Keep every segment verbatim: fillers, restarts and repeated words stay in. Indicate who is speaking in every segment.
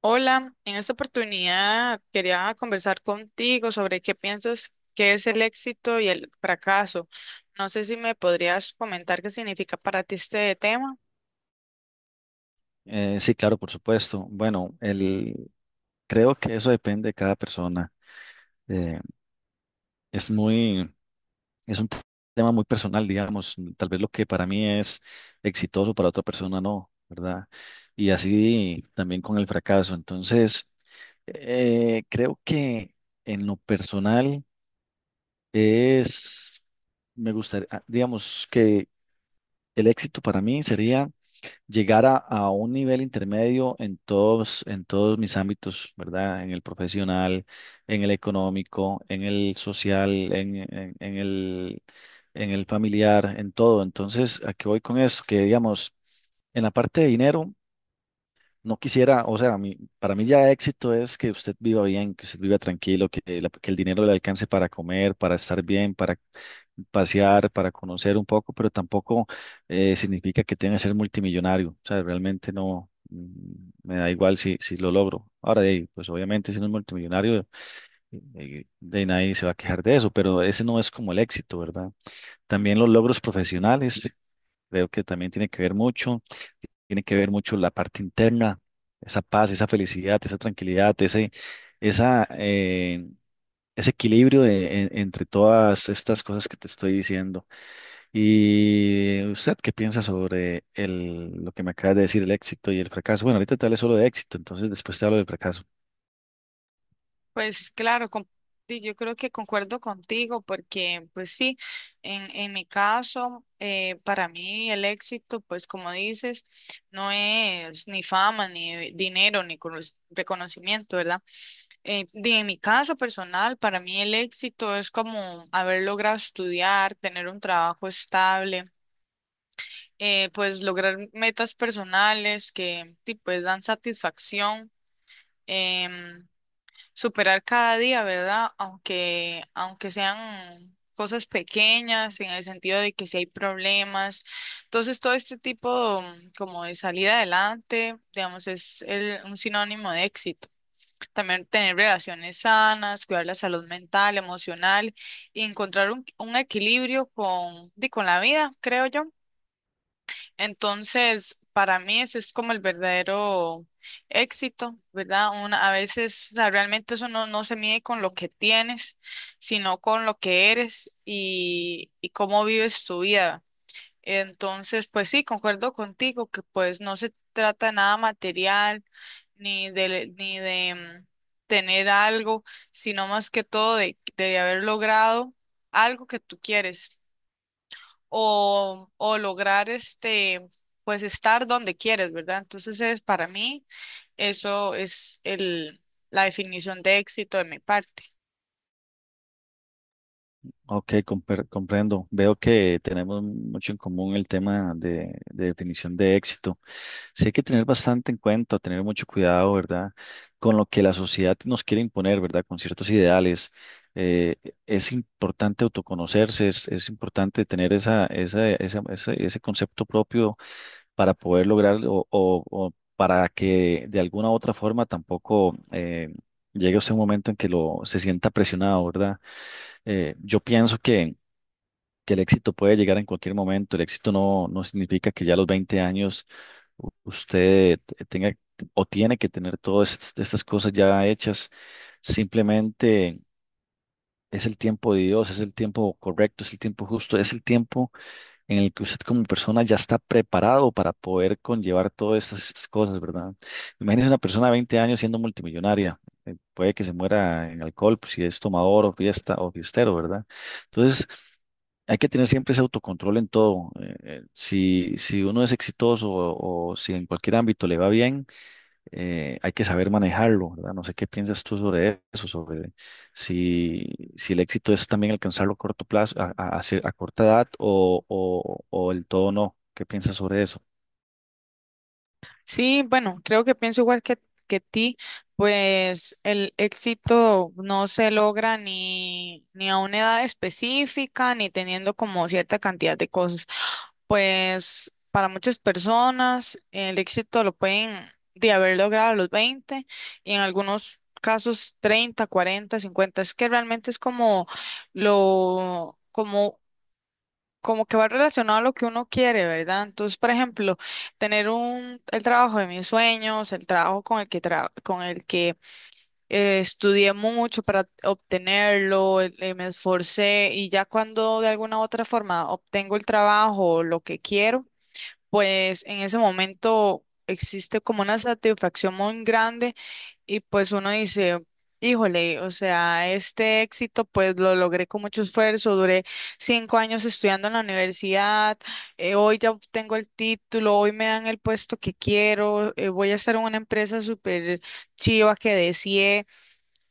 Speaker 1: Hola, en esta oportunidad quería conversar contigo sobre qué piensas que es el éxito y el fracaso. No sé si me podrías comentar qué significa para ti este tema.
Speaker 2: Eh, sí, claro, por supuesto. Bueno, el, creo que eso depende de cada persona. Eh, es muy, es un tema muy personal, digamos. Tal vez lo que para mí es exitoso, para otra persona no, ¿verdad? Y así también con el fracaso. Entonces, eh, creo que en lo personal es, me gustaría, ah, digamos que el éxito para mí sería llegar a, a un nivel intermedio en todos, en todos mis ámbitos, ¿verdad? En el profesional, en el económico, en el social, en, en- en el, en el familiar, en todo. Entonces, ¿a qué voy con eso? Que digamos, en la parte de dinero, no quisiera, o sea, mi- para mí ya éxito es que usted viva bien, que usted viva tranquilo, que, la- que el dinero le alcance para comer, para estar bien, para pasear, para conocer un poco, pero tampoco eh, significa que tenga que ser multimillonario. O sea, realmente no, mm, me da igual si, si lo logro. Ahora, de ahí, pues obviamente si no es multimillonario, eh, de ahí nadie se va a quejar de eso, pero ese no es como el éxito, ¿verdad? También los logros profesionales. Creo que también tiene que ver mucho, tiene que ver mucho la parte interna, esa paz, esa felicidad, esa tranquilidad, ese, esa, eh, ese equilibrio de- en- entre todas estas cosas que te estoy diciendo. ¿Y usted qué piensa sobre el, lo que me acabas de decir, el éxito y el fracaso? Bueno, ahorita te hablé solo de éxito, entonces después te hablo del fracaso.
Speaker 1: Pues claro, con- sí, yo creo que concuerdo contigo porque pues sí, en, en mi caso, eh, para mí el éxito, pues como dices, no es ni fama, ni dinero, ni cono- reconocimiento, ¿verdad? Eh, de- en mi caso personal, para mí el éxito es como haber logrado estudiar, tener un trabajo estable, eh, pues lograr metas personales que sí, pues dan satisfacción. em, Superar cada día, ¿verdad? Aunque, aunque sean cosas pequeñas, en el sentido de que si hay problemas. Entonces, todo este tipo mm, como de salir adelante, digamos, es el- un sinónimo de éxito. También tener relaciones sanas, cuidar la salud mental, emocional y encontrar un, un equilibrio con, di, con la vida, creo yo. Entonces, para mí ese es como el verdadero éxito, ¿verdad? Una, a veces, o sea, realmente eso no, no se mide con lo que tienes, sino con lo que eres y, y cómo vives tu vida. Entonces, pues sí, concuerdo contigo que pues no se trata de nada material ni de, ni de mm, tener algo, sino más que todo de, de haber logrado algo que tú quieres o, o lograr este, pues estar donde quieres, ¿verdad? Entonces es para mí, eso es el, la definición de éxito de mi parte.
Speaker 2: Ok, compre- comprendo. Veo que tenemos mucho en común el tema de, de definición de éxito. Sí hay que tener bastante en cuenta, tener mucho cuidado, ¿verdad? Con lo que la sociedad nos quiere imponer, ¿verdad? Con ciertos ideales. Eh, es importante autoconocerse, es, es importante tener esa, esa, esa- ese, ese concepto propio para poder lograr o, o- o para que de alguna u otra forma tampoco eh, llegue usted un momento en que lo, se sienta presionado, ¿verdad? Eh, yo pienso que que el éxito puede llegar en cualquier momento. El éxito no, no significa que ya a los veinte años u- usted te- tenga o tiene que tener todas est- estas cosas ya hechas. Simplemente es el tiempo de Dios, es el tiempo correcto, es el tiempo justo, es el tiempo en el que usted como persona ya está preparado para poder conllevar todas estas, estas cosas, ¿verdad? Imagínese una persona de veinte años siendo multimillonaria. eh, Puede que se muera en alcohol, pues, si es tomador o fiesta o fiestero, ¿verdad? Entonces, hay que tener siempre ese autocontrol en todo. Eh, eh, si, si uno es exitoso o, o si en cualquier ámbito le va bien, eh, hay que saber manejarlo, ¿verdad? No sé qué piensas tú sobre eso, sobre si, si el éxito es también alcanzarlo a corto plazo, a, a- a cier- a corta edad o, o, o el todo no. ¿Qué piensas sobre eso?
Speaker 1: Sí, bueno, creo que pienso igual que, que ti, pues el éxito no se logra ni, ni a una edad específica, ni teniendo como cierta cantidad de cosas. Pues para muchas personas el éxito lo pueden de haber logrado a los veinte y en algunos casos treinta, cuarenta, cincuenta. Es que realmente es como lo, como como que va relacionado a lo que uno quiere, ¿verdad? Entonces, por ejemplo, tener un, el trabajo de mis sueños, el trabajo con el que, tra- con el que eh, estudié mucho para obtenerlo, el- eh, me esforcé y ya cuando de alguna u otra forma obtengo el trabajo, o lo que quiero, pues en ese momento existe como una satisfacción muy grande y pues uno dice, híjole, o sea, este éxito pues lo logré con mucho esfuerzo, duré cinco años estudiando en la universidad. Eh, hoy ya obtengo el título, hoy me dan el puesto que quiero. Eh, voy a estar en una empresa súper chiva que deseé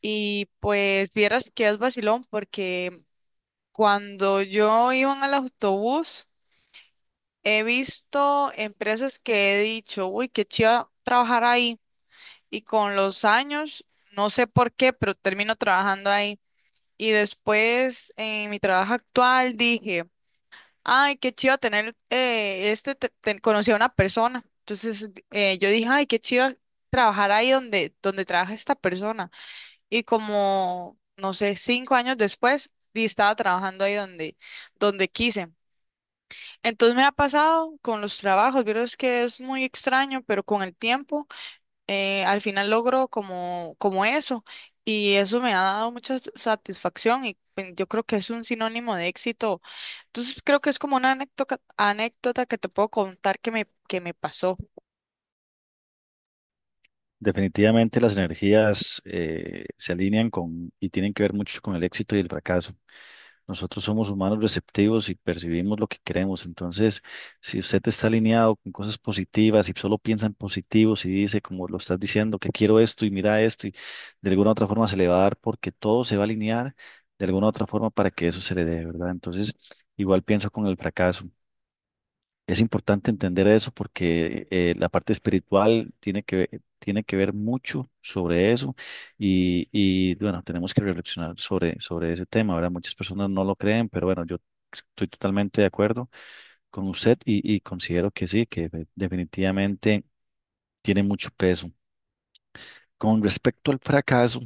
Speaker 1: y pues vieras que es vacilón porque cuando yo iba en el autobús, he visto empresas que he dicho, uy, qué chido trabajar ahí. Y con los años, no sé por qué, pero termino trabajando ahí. Y después, en mi trabajo actual, dije, ay, qué chido tener, eh, este, te- te- conocí a una persona. Entonces, eh, yo dije, ay, qué chido trabajar ahí donde, donde trabaja esta persona. Y como, no sé, cinco años después, di- estaba trabajando ahí donde, donde quise. Entonces me ha pasado con los trabajos, vieras que es muy extraño, pero con el tiempo eh, al final logro como, como eso y eso me ha dado mucha s- satisfacción y pen- yo creo que es un sinónimo de éxito. Entonces creo que es como una anécdota, anécdota que te puedo contar que me, que me pasó.
Speaker 2: Definitivamente las energías eh, se alinean con y tienen que ver mucho con el éxito y el fracaso. Nosotros somos humanos receptivos y percibimos lo que queremos. Entonces, si usted está alineado con cosas positivas y solo piensa en positivo, si dice, como lo estás diciendo, que quiero esto y mira esto, y de alguna u otra forma se le va a dar porque todo se va a alinear de alguna u otra forma para que eso se le dé, ¿verdad? Entonces, igual pienso con el fracaso. Es importante entender eso porque eh, la parte espiritual tiene que, ve- tiene que ver mucho sobre eso y, y, bueno, tenemos que reflexionar sobre, sobre ese tema, ¿verdad? Muchas personas no lo creen, pero bueno, yo estoy totalmente de acuerdo con usted y, y considero que sí, que de- definitivamente tiene mucho peso. Con respecto al fracaso,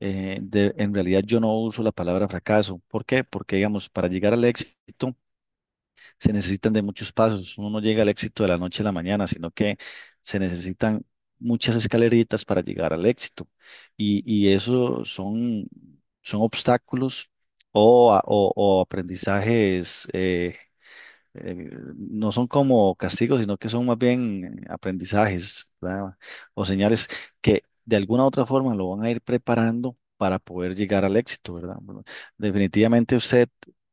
Speaker 2: eh, de- en realidad yo no uso la palabra fracaso. ¿Por qué? Porque digamos, para llegar al éxito se necesitan de muchos pasos. Uno no llega al éxito de la noche a la mañana, sino que se necesitan muchas escaleritas para llegar al éxito. Y, y eso son, son obstáculos o, a- o, o aprendizajes. eh, eh, no son como castigos, sino que son más bien eh, aprendizajes, ¿verdad? O señales que de alguna u otra forma lo van a ir preparando para poder llegar al éxito, ¿verdad? Bueno, definitivamente usted,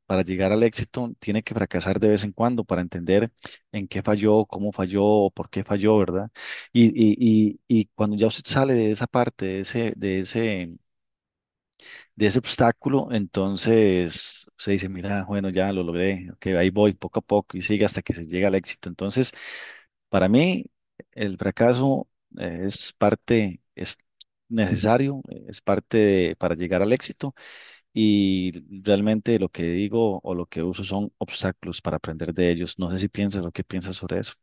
Speaker 2: para llegar al éxito, tiene que fracasar de vez en cuando para entender en qué falló, cómo falló, o por qué falló, ¿verdad? Y, y, y, y cuando ya usted sale de esa parte, de ese, de ese de ese obstáculo, entonces se dice, mira, bueno, ya lo logré, ok, ahí voy poco a poco y sigue hasta que se llega al éxito. Entonces, para mí, el fracaso eh, es parte, es necesario, eh, es parte de- para llegar al éxito y realmente lo que digo o lo que uso son obstáculos para aprender de ellos. No sé si piensas o qué piensas sobre eso.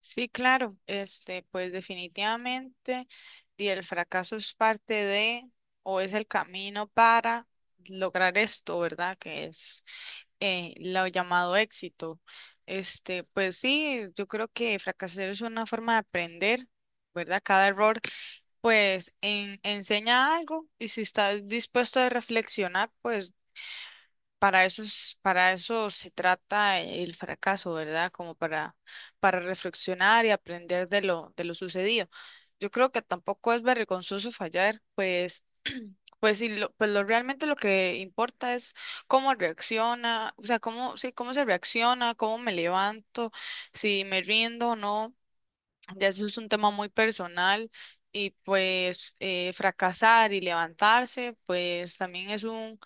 Speaker 1: Sí, claro, este, pues definitivamente y el fracaso es parte de o es el camino para lograr esto, ¿verdad? Que es eh, lo llamado éxito. Este, pues sí, yo creo que fracasar es una forma de aprender, ¿verdad? Cada error, pues, en- enseña algo y si estás dispuesto a reflexionar, pues, para eso es- para eso se trata el fracaso, ¿verdad? Como para, para reflexionar y aprender de lo, de lo sucedido. Yo creo que tampoco es vergonzoso fallar, pues pues sí, lo, pues lo realmente lo que importa es cómo reacciona, o sea, cómo, sí, cómo se reacciona, cómo me levanto, si me rindo o no. Ya eso es un tema muy personal y pues eh, fracasar y levantarse, pues también es un,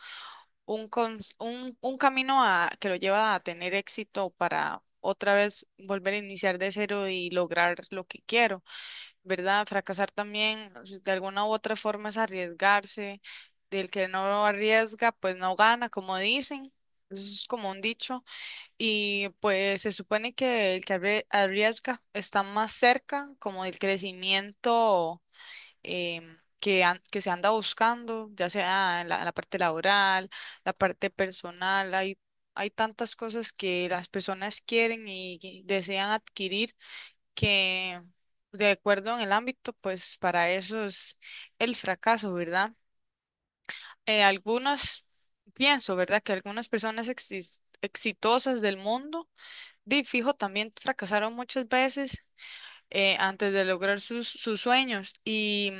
Speaker 1: un, cons- un, un camino a, que lo lleva a tener éxito para otra vez volver a iniciar de cero y lograr lo que quiero. ¿Verdad? Fracasar también, o sea, de alguna u otra forma es arriesgarse. Del que no arriesga, pues no gana, como dicen. Eso es como un dicho. Y pues se supone que el que arrie- arriesga está más cerca como del crecimiento em, que, an- que se anda buscando, ya sea en la, en la parte laboral, la parte personal. Hay, hay tantas cosas que las personas quieren y y desean adquirir que de acuerdo en el ámbito, pues para eso es el fracaso, ¿verdad? Eh, algunas, Pienso, ¿verdad?, que algunas personas exis- exitosas del mundo, de fijo, también fracasaron muchas veces eh, antes de lograr sus, sus sueños. Y,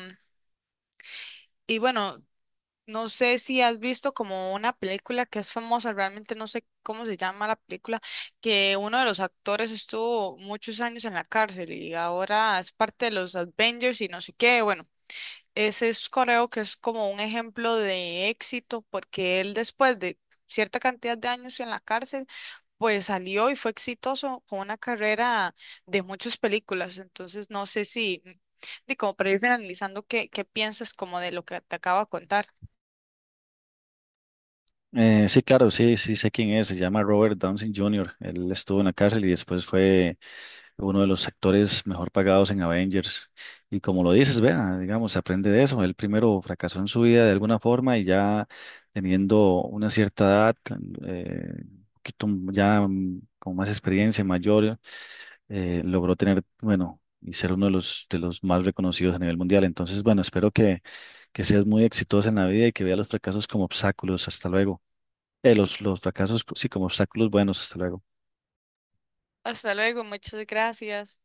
Speaker 1: y bueno, no sé si has visto como una película que es famosa, realmente no sé cómo se llama la película, que uno de los actores estuvo muchos años en la cárcel y ahora es parte de los Avengers y no sé qué. Bueno, ese es coreo que es como un ejemplo de éxito porque él después de cierta cantidad de años en la cárcel, pues salió y fue exitoso con una carrera de muchas películas. Entonces, no sé si, de como para ir finalizando, ¿qué, qué piensas como de lo que te acabo de contar?
Speaker 2: Eh, sí, claro, sí, sí sé quién es. Se llama Robert Downey junior Él estuvo en la cárcel y después fue uno de los actores mejor pagados en Avengers. Y como lo dices, vea, digamos, aprende de eso. Él primero fracasó en su vida de alguna forma y ya teniendo una cierta edad, eh, un poquito ya mm, con más experiencia, mayor, eh, logró tener, bueno, y ser uno de los, de los más reconocidos a nivel mundial. Entonces, bueno, espero que, que seas muy exitosa en la vida y que veas los fracasos como obstáculos. Hasta luego. Eh, los, los fracasos, sí, como obstáculos buenos. Hasta luego.
Speaker 1: Hasta luego, muchas gracias.